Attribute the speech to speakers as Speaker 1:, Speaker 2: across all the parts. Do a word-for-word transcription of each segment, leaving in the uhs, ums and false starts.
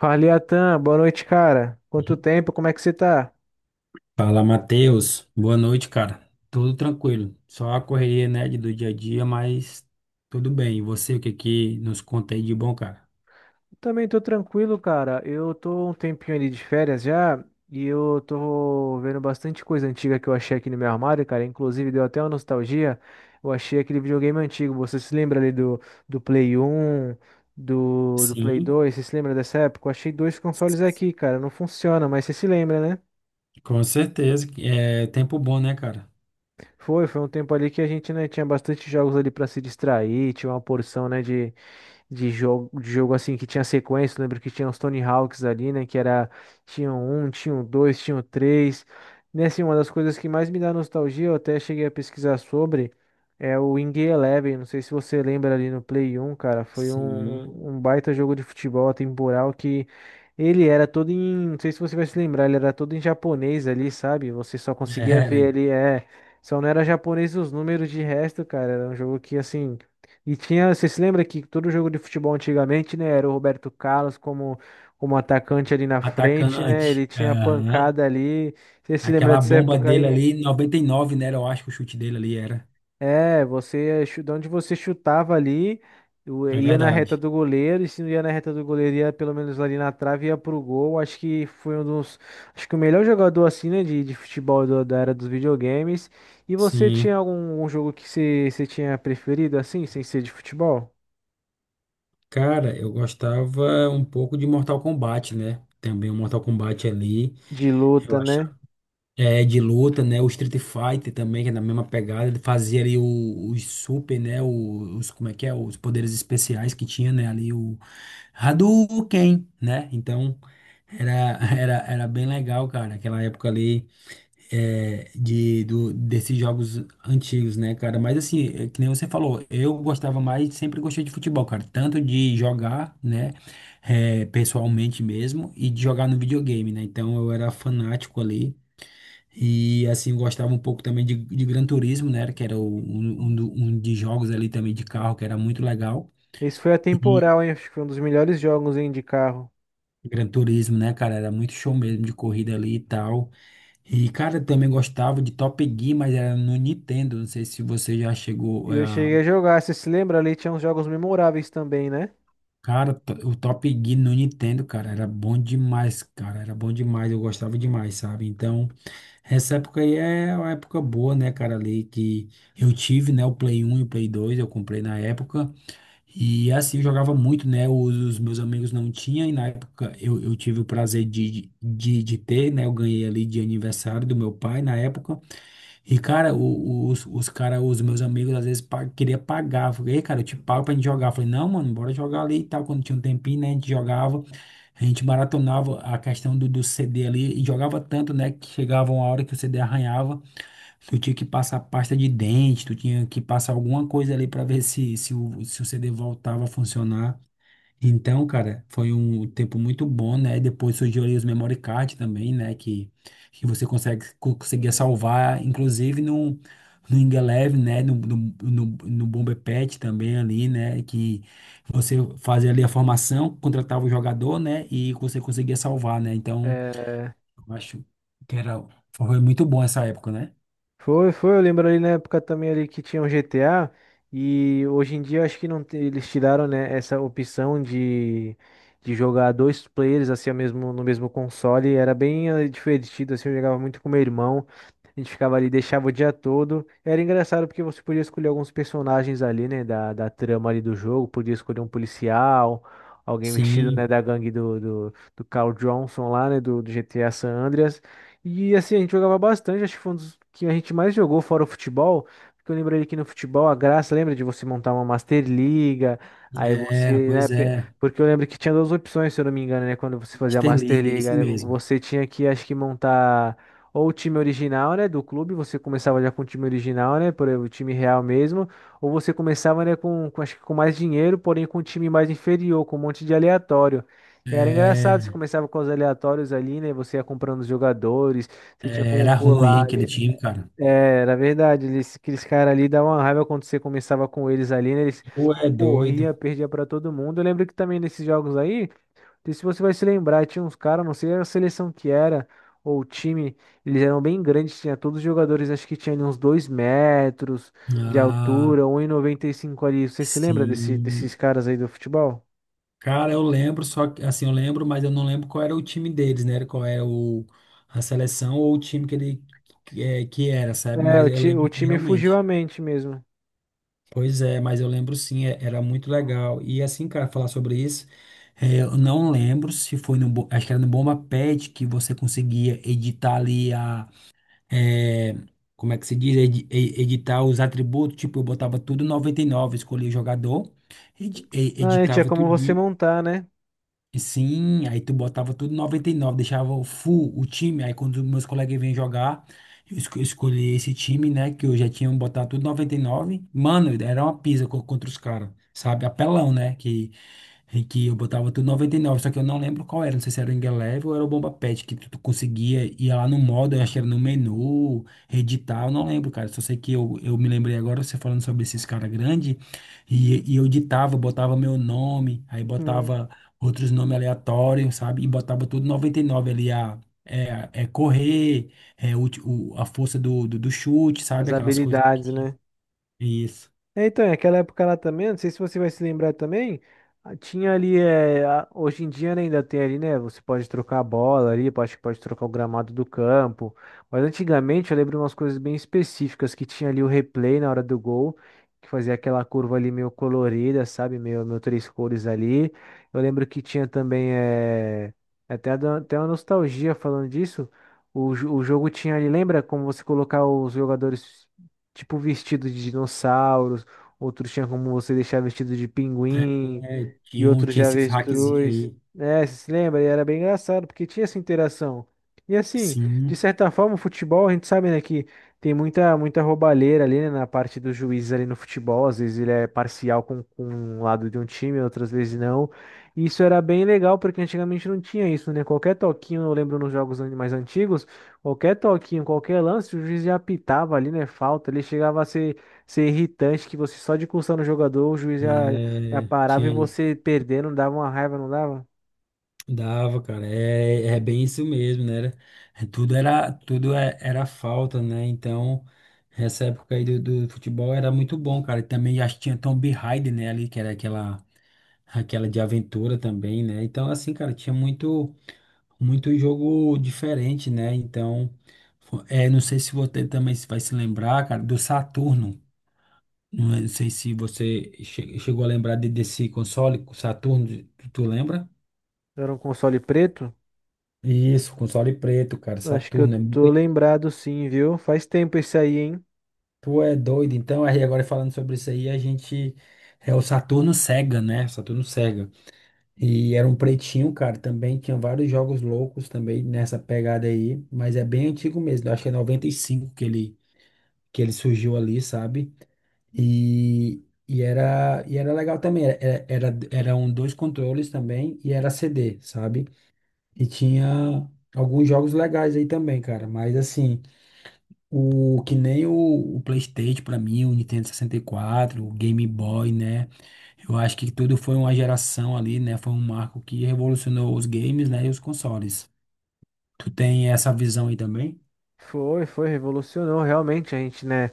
Speaker 1: Fala, Atan, boa noite, cara. Quanto tempo, como é que você tá?
Speaker 2: Fala, Matheus. Boa noite, cara. Tudo tranquilo. Só a correria, né, de- do dia a dia, mas tudo bem. E você, o que que nos conta aí de bom, cara?
Speaker 1: Também tô tranquilo, cara. Eu tô um tempinho ali de férias já e eu tô vendo bastante coisa antiga que eu achei aqui no meu armário, cara. Inclusive deu até uma nostalgia. Eu achei aquele videogame antigo. Você se lembra ali do, do Play um, do, do Play
Speaker 2: Sim,
Speaker 1: dois? Você se lembra dessa época? Eu achei dois consoles aqui, cara. Não funciona, mas você se lembra, né?
Speaker 2: com certeza. É tempo bom, né, cara?
Speaker 1: Foi, foi um tempo ali que a gente, né, tinha bastante jogos ali pra se distrair, tinha uma porção, né, de de jogo, de jogo assim que tinha sequência. Eu lembro que tinha os Tony Hawks ali, né? Que era, tinha o um, tinha o dois, tinha o três. E assim, uma das coisas que mais me dá nostalgia, eu até cheguei a pesquisar sobre, é o Wing Eleven. Não sei se você lembra ali no Play um, cara. Foi
Speaker 2: Sim,
Speaker 1: um, um baita jogo de futebol atemporal que. Ele era todo em, não sei se você vai se lembrar, ele era todo em japonês ali, sabe? Você só conseguia
Speaker 2: era.
Speaker 1: ver
Speaker 2: Hein?
Speaker 1: ali, é, só não era japonês os números de resto, cara. Era um jogo que, assim, e tinha, você se lembra que todo jogo de futebol antigamente, né, era o Roberto Carlos como, como atacante ali na frente, né?
Speaker 2: Atacante.
Speaker 1: Ele tinha
Speaker 2: Aham.
Speaker 1: pancada ali. Você se lembra
Speaker 2: Aquela
Speaker 1: dessa
Speaker 2: bomba
Speaker 1: época
Speaker 2: dele
Speaker 1: aí?
Speaker 2: ali, noventa e nove, né? Eu acho que o chute dele ali era.
Speaker 1: É, você, chu- de onde você chutava ali, o-
Speaker 2: É
Speaker 1: ia na
Speaker 2: verdade.
Speaker 1: reta do goleiro, e se não ia na reta do goleiro, ia pelo menos ali na trave, ia pro gol. Acho que foi um dos, acho que o melhor jogador assim, né, de, de futebol do- da era dos videogames. E você tinha
Speaker 2: Sim.
Speaker 1: algum um jogo que você, você tinha preferido assim, sem ser de futebol?
Speaker 2: Cara, eu gostava um pouco de Mortal Kombat, né? Também o Mortal Kombat ali.
Speaker 1: De luta, né?
Speaker 2: É, de luta, né? O Street Fighter também, que é na mesma pegada. Ele fazia ali o- os super, né? o- Os, como é que é? Os poderes especiais que tinha, né? Ali o Hadouken, né? Então, era, era, era bem legal, cara. Aquela época ali é, de, do, desses jogos antigos, né, cara? Mas assim, é que nem você falou, eu gostava mais, sempre gostei de futebol, cara. Tanto de jogar, né? É, pessoalmente mesmo, e de jogar no videogame, né? Então, eu era fanático ali. E assim, eu gostava um pouco também de, de Gran Turismo, né? Que era o- um, um, do- um de jogos ali também de carro, que era muito legal.
Speaker 1: Esse foi
Speaker 2: E
Speaker 1: atemporal, hein? Acho que foi um dos melhores jogos, hein, de carro.
Speaker 2: Gran Turismo, né, cara? Era muito show mesmo de corrida ali e tal. E, cara, eu também gostava de Top Gear, mas era no Nintendo. Não sei se você já
Speaker 1: E
Speaker 2: chegou. É,
Speaker 1: eu
Speaker 2: a-
Speaker 1: cheguei a jogar, você se lembra ali, tinha uns jogos memoráveis também, né?
Speaker 2: Cara, to- o Top Gear no Nintendo, cara, era bom demais, cara. Era bom demais, eu gostava demais, sabe? Então. Essa época aí é uma época boa, né, cara, ali que eu tive, né, o Play um e o Play dois, eu comprei na época. E assim, eu jogava muito, né? Os, os meus amigos não tinham, e na época eu, eu tive o prazer de, de, de ter, né? Eu ganhei ali de aniversário do meu pai na época. E, cara, o- os, os cara, os meus amigos às vezes pa queria pagar. Eu falei, "Ei, cara, eu te pago pra gente jogar." Eu falei, não, mano, bora jogar ali e tal. Quando tinha um tempinho, né? A gente jogava, a gente maratonava a questão do, do C D ali e jogava tanto, né? Que chegava uma hora que o C D arranhava. Tu tinha que passar pasta de dente, tu tinha que passar alguma coisa ali para ver se, se, o, se o C D voltava a funcionar. Então, cara, foi um tempo muito bom, né? Depois surgiu ali os memory card também, né? Que, que você consegue, co- conseguia salvar, inclusive no, no Ingeleve, né? No, no, no, no Bomber Patch também ali, né? Que você fazia ali a formação, contratava o jogador, né? E você conseguia salvar, né? Então,
Speaker 1: É,
Speaker 2: eu acho que era, foi muito bom essa época, né?
Speaker 1: foi, foi, eu lembro ali na época também ali que tinha o G T A e hoje em dia eu acho que não tem- eles tiraram, né, essa opção de, de jogar dois players assim ao mesmo, no mesmo console, era bem eh, divertido assim, eu jogava muito com meu irmão. A gente ficava ali, deixava o dia todo. Era engraçado porque você podia escolher alguns personagens ali, né, da, da trama ali do jogo. Podia escolher um policial, alguém vestido, né,
Speaker 2: Sim.
Speaker 1: da gangue do, do, do Carl Johnson lá, né, do, do G T A San Andreas. E assim, a gente jogava bastante, acho que foi um dos que a gente mais jogou fora o futebol. Porque eu lembro ali que no futebol a graça, lembra de você montar uma Master Liga, aí você,
Speaker 2: Era,
Speaker 1: né,
Speaker 2: pois
Speaker 1: pe-
Speaker 2: é.
Speaker 1: porque eu lembro que tinha duas opções, se eu não me engano, né, quando você fazia a Master
Speaker 2: Interliga, é
Speaker 1: Liga,
Speaker 2: isso
Speaker 1: né,
Speaker 2: mesmo.
Speaker 1: você tinha que, acho que montar ou o time original, né, do clube, você começava já com o time original, né, por exemplo, o time real mesmo, ou você começava, né, com, com- acho que com mais dinheiro, porém com um time mais inferior, com um monte de aleatório. E era engraçado, você
Speaker 2: É,
Speaker 1: começava com os aleatórios ali, né, você ia comprando os jogadores, você tinha
Speaker 2: é,
Speaker 1: como
Speaker 2: era ruim, hein,
Speaker 1: pular ali.
Speaker 2: aquele time, cara.
Speaker 1: É, era verdade, eles, aqueles caras ali davam uma raiva quando você começava com eles ali, né, eles
Speaker 2: Tu
Speaker 1: não
Speaker 2: é doido.
Speaker 1: corria, perdia pra todo mundo. Eu lembro que também nesses jogos aí não sei se você vai se lembrar, tinha uns caras, não sei a seleção que era, ou o time, eles eram bem grandes, tinha todos os jogadores, acho que tinha ali uns dois metros de
Speaker 2: Ah,
Speaker 1: altura, um e e noventa e cinco ali. Você se lembra desse, desses
Speaker 2: sim.
Speaker 1: caras aí do futebol?
Speaker 2: Cara, eu lembro, só que, assim, eu lembro, mas eu não lembro qual era o time deles, né? Qual era o, a seleção ou o time que ele que, é, que era, sabe?
Speaker 1: É,
Speaker 2: Mas
Speaker 1: o,
Speaker 2: eu
Speaker 1: ti- o
Speaker 2: lembro que
Speaker 1: time fugiu à
Speaker 2: realmente.
Speaker 1: mente mesmo.
Speaker 2: Pois é, mas eu lembro sim, é- era muito legal. E assim, cara, falar sobre isso, é, eu não lembro se foi no, Bo- acho que era no Bomba Pet que você conseguia editar ali é, como é que se diz, Edi- e- editar os atributos, tipo, eu botava tudo noventa e nove, escolhia o jogador, edi- e-
Speaker 1: Ah, é, tinha
Speaker 2: editava
Speaker 1: como
Speaker 2: tudo.
Speaker 1: você montar, né?
Speaker 2: Sim, aí tu botava tudo noventa e nove, deixava o full o time. Aí quando meus colegas vinham jogar, eu esco- escolhi esse time, né? Que eu já tinha botado tudo noventa e nove. Mano, era uma pisa co- contra os caras, sabe? Apelão, né? Que, que eu botava tudo noventa e nove, só que eu não lembro qual era. Não sei se era o Ingeleve ou era o Bomba Pet, que tu, tu conseguia ir lá no modo, eu acho que era no menu, editar, eu não lembro, cara. Só sei que eu, eu me lembrei agora, você falando sobre esses caras grandes, e, e eu editava, botava meu nome, aí botava outros nomes aleatórios, sabe? E botava tudo noventa e nove ali, a, é, a- é correr, é o, ti- o- a força do, do, do chute, sabe?
Speaker 1: As
Speaker 2: Aquelas coisas que
Speaker 1: habilidades,
Speaker 2: tinha.
Speaker 1: né?
Speaker 2: Isso.
Speaker 1: É, então, é aquela época lá também, não sei se você vai se lembrar também, ah, tinha ali, é, a- hoje em dia né, ainda tem ali, né, você pode trocar a bola ali, pode, pode trocar o gramado do campo, mas antigamente eu lembro umas coisas bem específicas, que tinha ali o replay na hora do gol, que fazia aquela curva ali meio colorida, sabe, meio, meio três cores ali, eu lembro que tinha também, é, é até, da- até uma nostalgia falando disso, o, jo- o jogo tinha ali, lembra como você colocar os jogadores tipo vestido de dinossauros. Outros tinha como você deixar vestido de pinguim
Speaker 2: É,
Speaker 1: e
Speaker 2: tinha, um-
Speaker 1: outros de
Speaker 2: tinha esses hackzinhos
Speaker 1: avestruz.
Speaker 2: aí.
Speaker 1: É, você se lembra? E era bem engraçado, porque tinha essa interação. E assim, de
Speaker 2: Sim,
Speaker 1: certa forma, o futebol, a gente sabe, né, que tem muita, muita roubalheira ali, né, na parte dos juízes ali no futebol. Às vezes ele é parcial com, com um lado de um time, outras vezes não. E isso era bem legal, porque antigamente não tinha isso, né? Qualquer toquinho, eu lembro nos jogos an- mais antigos, qualquer toquinho, qualquer lance, o juiz já apitava ali, né, falta. Ele chegava a ser ser irritante que você só de coçar o jogador, o juiz já, já
Speaker 2: é,
Speaker 1: parava e
Speaker 2: tinha isso.
Speaker 1: você perdendo, dava uma raiva, não dava?
Speaker 2: Dava, cara. É, é bem isso mesmo, né? Era- é, tudo era, tudo é- era falta, né? Então, essa época aí do, do futebol era muito bom, cara. E também acho que tinha Tomb Raider, né? Ali, que era aquela. Aquela de aventura também, né? Então, assim, cara, tinha muito, muito jogo diferente, né? Então, fo- é, não sei se você também se vai se lembrar, cara, do Saturno. Não é- não sei se você che- chegou a lembrar de- desse console, Saturno, tu, tu lembra?
Speaker 1: Era um console preto?
Speaker 2: Isso, console preto, cara,
Speaker 1: Acho que eu
Speaker 2: Saturno. É muito...
Speaker 1: tô lembrado sim, viu? Faz tempo esse aí, hein?
Speaker 2: Tu é doido. Então, aí agora falando sobre isso aí, a gente. É o Saturno Sega, né? Saturno Sega. E era um pretinho, cara, também. Tinha vários jogos loucos também nessa pegada aí. Mas é bem antigo mesmo. Eu acho que é noventa e cinco que ele, que ele surgiu ali, sabe? E, e, era, e era legal também. Era, era, eram dois controles também e era C D, sabe? E tinha alguns jogos legais aí também, cara. Mas assim, o que nem o, o PlayStation pra mim, o Nintendo sessenta e quatro, o Game Boy, né? Eu acho que tudo foi uma geração ali, né? Foi um marco que revolucionou os games, né? E os consoles. Tu tem essa visão aí também?
Speaker 1: Foi, foi, revolucionou realmente a gente, né?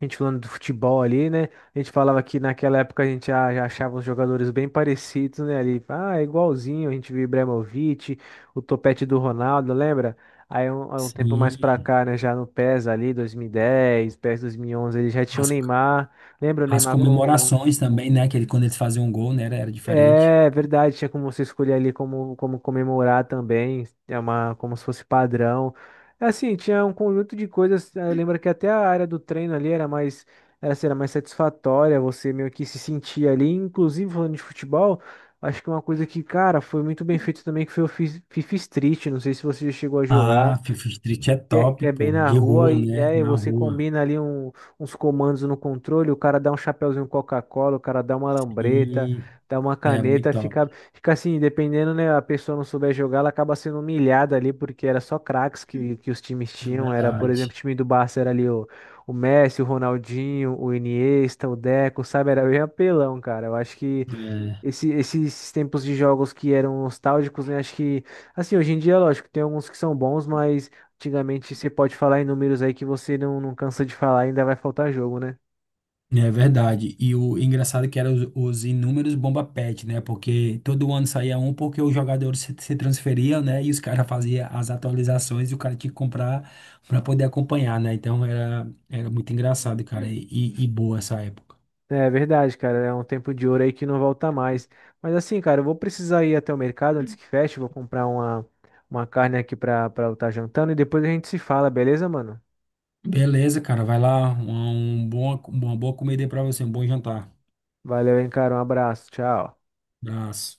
Speaker 1: A gente falando do futebol ali, né? A gente falava que naquela época a gente já, já achava os jogadores bem parecidos, né? Ali, ah, é igualzinho, a gente viu o Ibrahimovic, o topete do Ronaldo, lembra? Aí um, aí um tempo mais pra
Speaker 2: Sim.
Speaker 1: cá, né? Já no PES ali, dois mil e dez, PES dois mil e onze, ele já tinha o
Speaker 2: As,
Speaker 1: Neymar. Lembra o
Speaker 2: as
Speaker 1: Neymar com
Speaker 2: comemorações também, né? Que ele, quando eles faziam um gol, né? Era, era diferente.
Speaker 1: é verdade, tinha como você escolher ali como, como comemorar também, é uma, como se fosse padrão. É assim, tinha um conjunto de coisas, eh, lembra que até a área do treino ali era mais, era, assim, era mais satisfatória, você meio que se sentia ali, inclusive falando de futebol, acho que uma coisa que, cara, foi muito bem feito também, que foi o Fi- FIFA Street, não sei se você já chegou a jogar,
Speaker 2: Ah, FIFA Street é
Speaker 1: que é, que
Speaker 2: top,
Speaker 1: é bem
Speaker 2: pô.
Speaker 1: na
Speaker 2: De
Speaker 1: rua
Speaker 2: rua,
Speaker 1: e
Speaker 2: né?
Speaker 1: é, e
Speaker 2: Na
Speaker 1: você
Speaker 2: rua.
Speaker 1: combina ali um- uns comandos no controle, o cara dá um chapeuzinho Coca-Cola, o cara dá uma lambreta,
Speaker 2: E
Speaker 1: dá uma
Speaker 2: é muito
Speaker 1: caneta,
Speaker 2: top.
Speaker 1: fica, fica assim, dependendo, né, a pessoa não souber jogar, ela acaba sendo humilhada ali, porque era só craques que, que os times
Speaker 2: É
Speaker 1: tinham, era, por exemplo, o
Speaker 2: verdade.
Speaker 1: time do Barça era ali o, o Messi, o Ronaldinho, o Iniesta, o Deco, sabe, era bem apelão, cara, eu acho que esse- esses tempos de jogos que eram nostálgicos, né? Acho que, assim, hoje em dia, lógico, tem alguns que são bons, mas antigamente você pode falar em números aí que você não, não cansa de falar, ainda vai faltar jogo, né?
Speaker 2: É verdade. E o engraçado é que eram os, os inúmeros bomba pet, né? Porque todo ano saía um porque os jogadores se, se transferiam, né? E os caras faziam as atualizações e o cara tinha que comprar para poder acompanhar, né? Então era, era muito engraçado, cara, e, e e boa essa época.
Speaker 1: É verdade, cara. É um tempo de ouro aí que não volta mais. Mas assim, cara, eu vou precisar ir até o mercado antes que feche. Vou comprar uma, uma carne aqui pra, pra eu estar jantando e depois a gente se fala, beleza, mano?
Speaker 2: Beleza, cara, vai lá. Uma, um bom, uma boa comida aí pra você, um bom jantar.
Speaker 1: Valeu, hein, cara. Um abraço. Tchau.
Speaker 2: Abraço.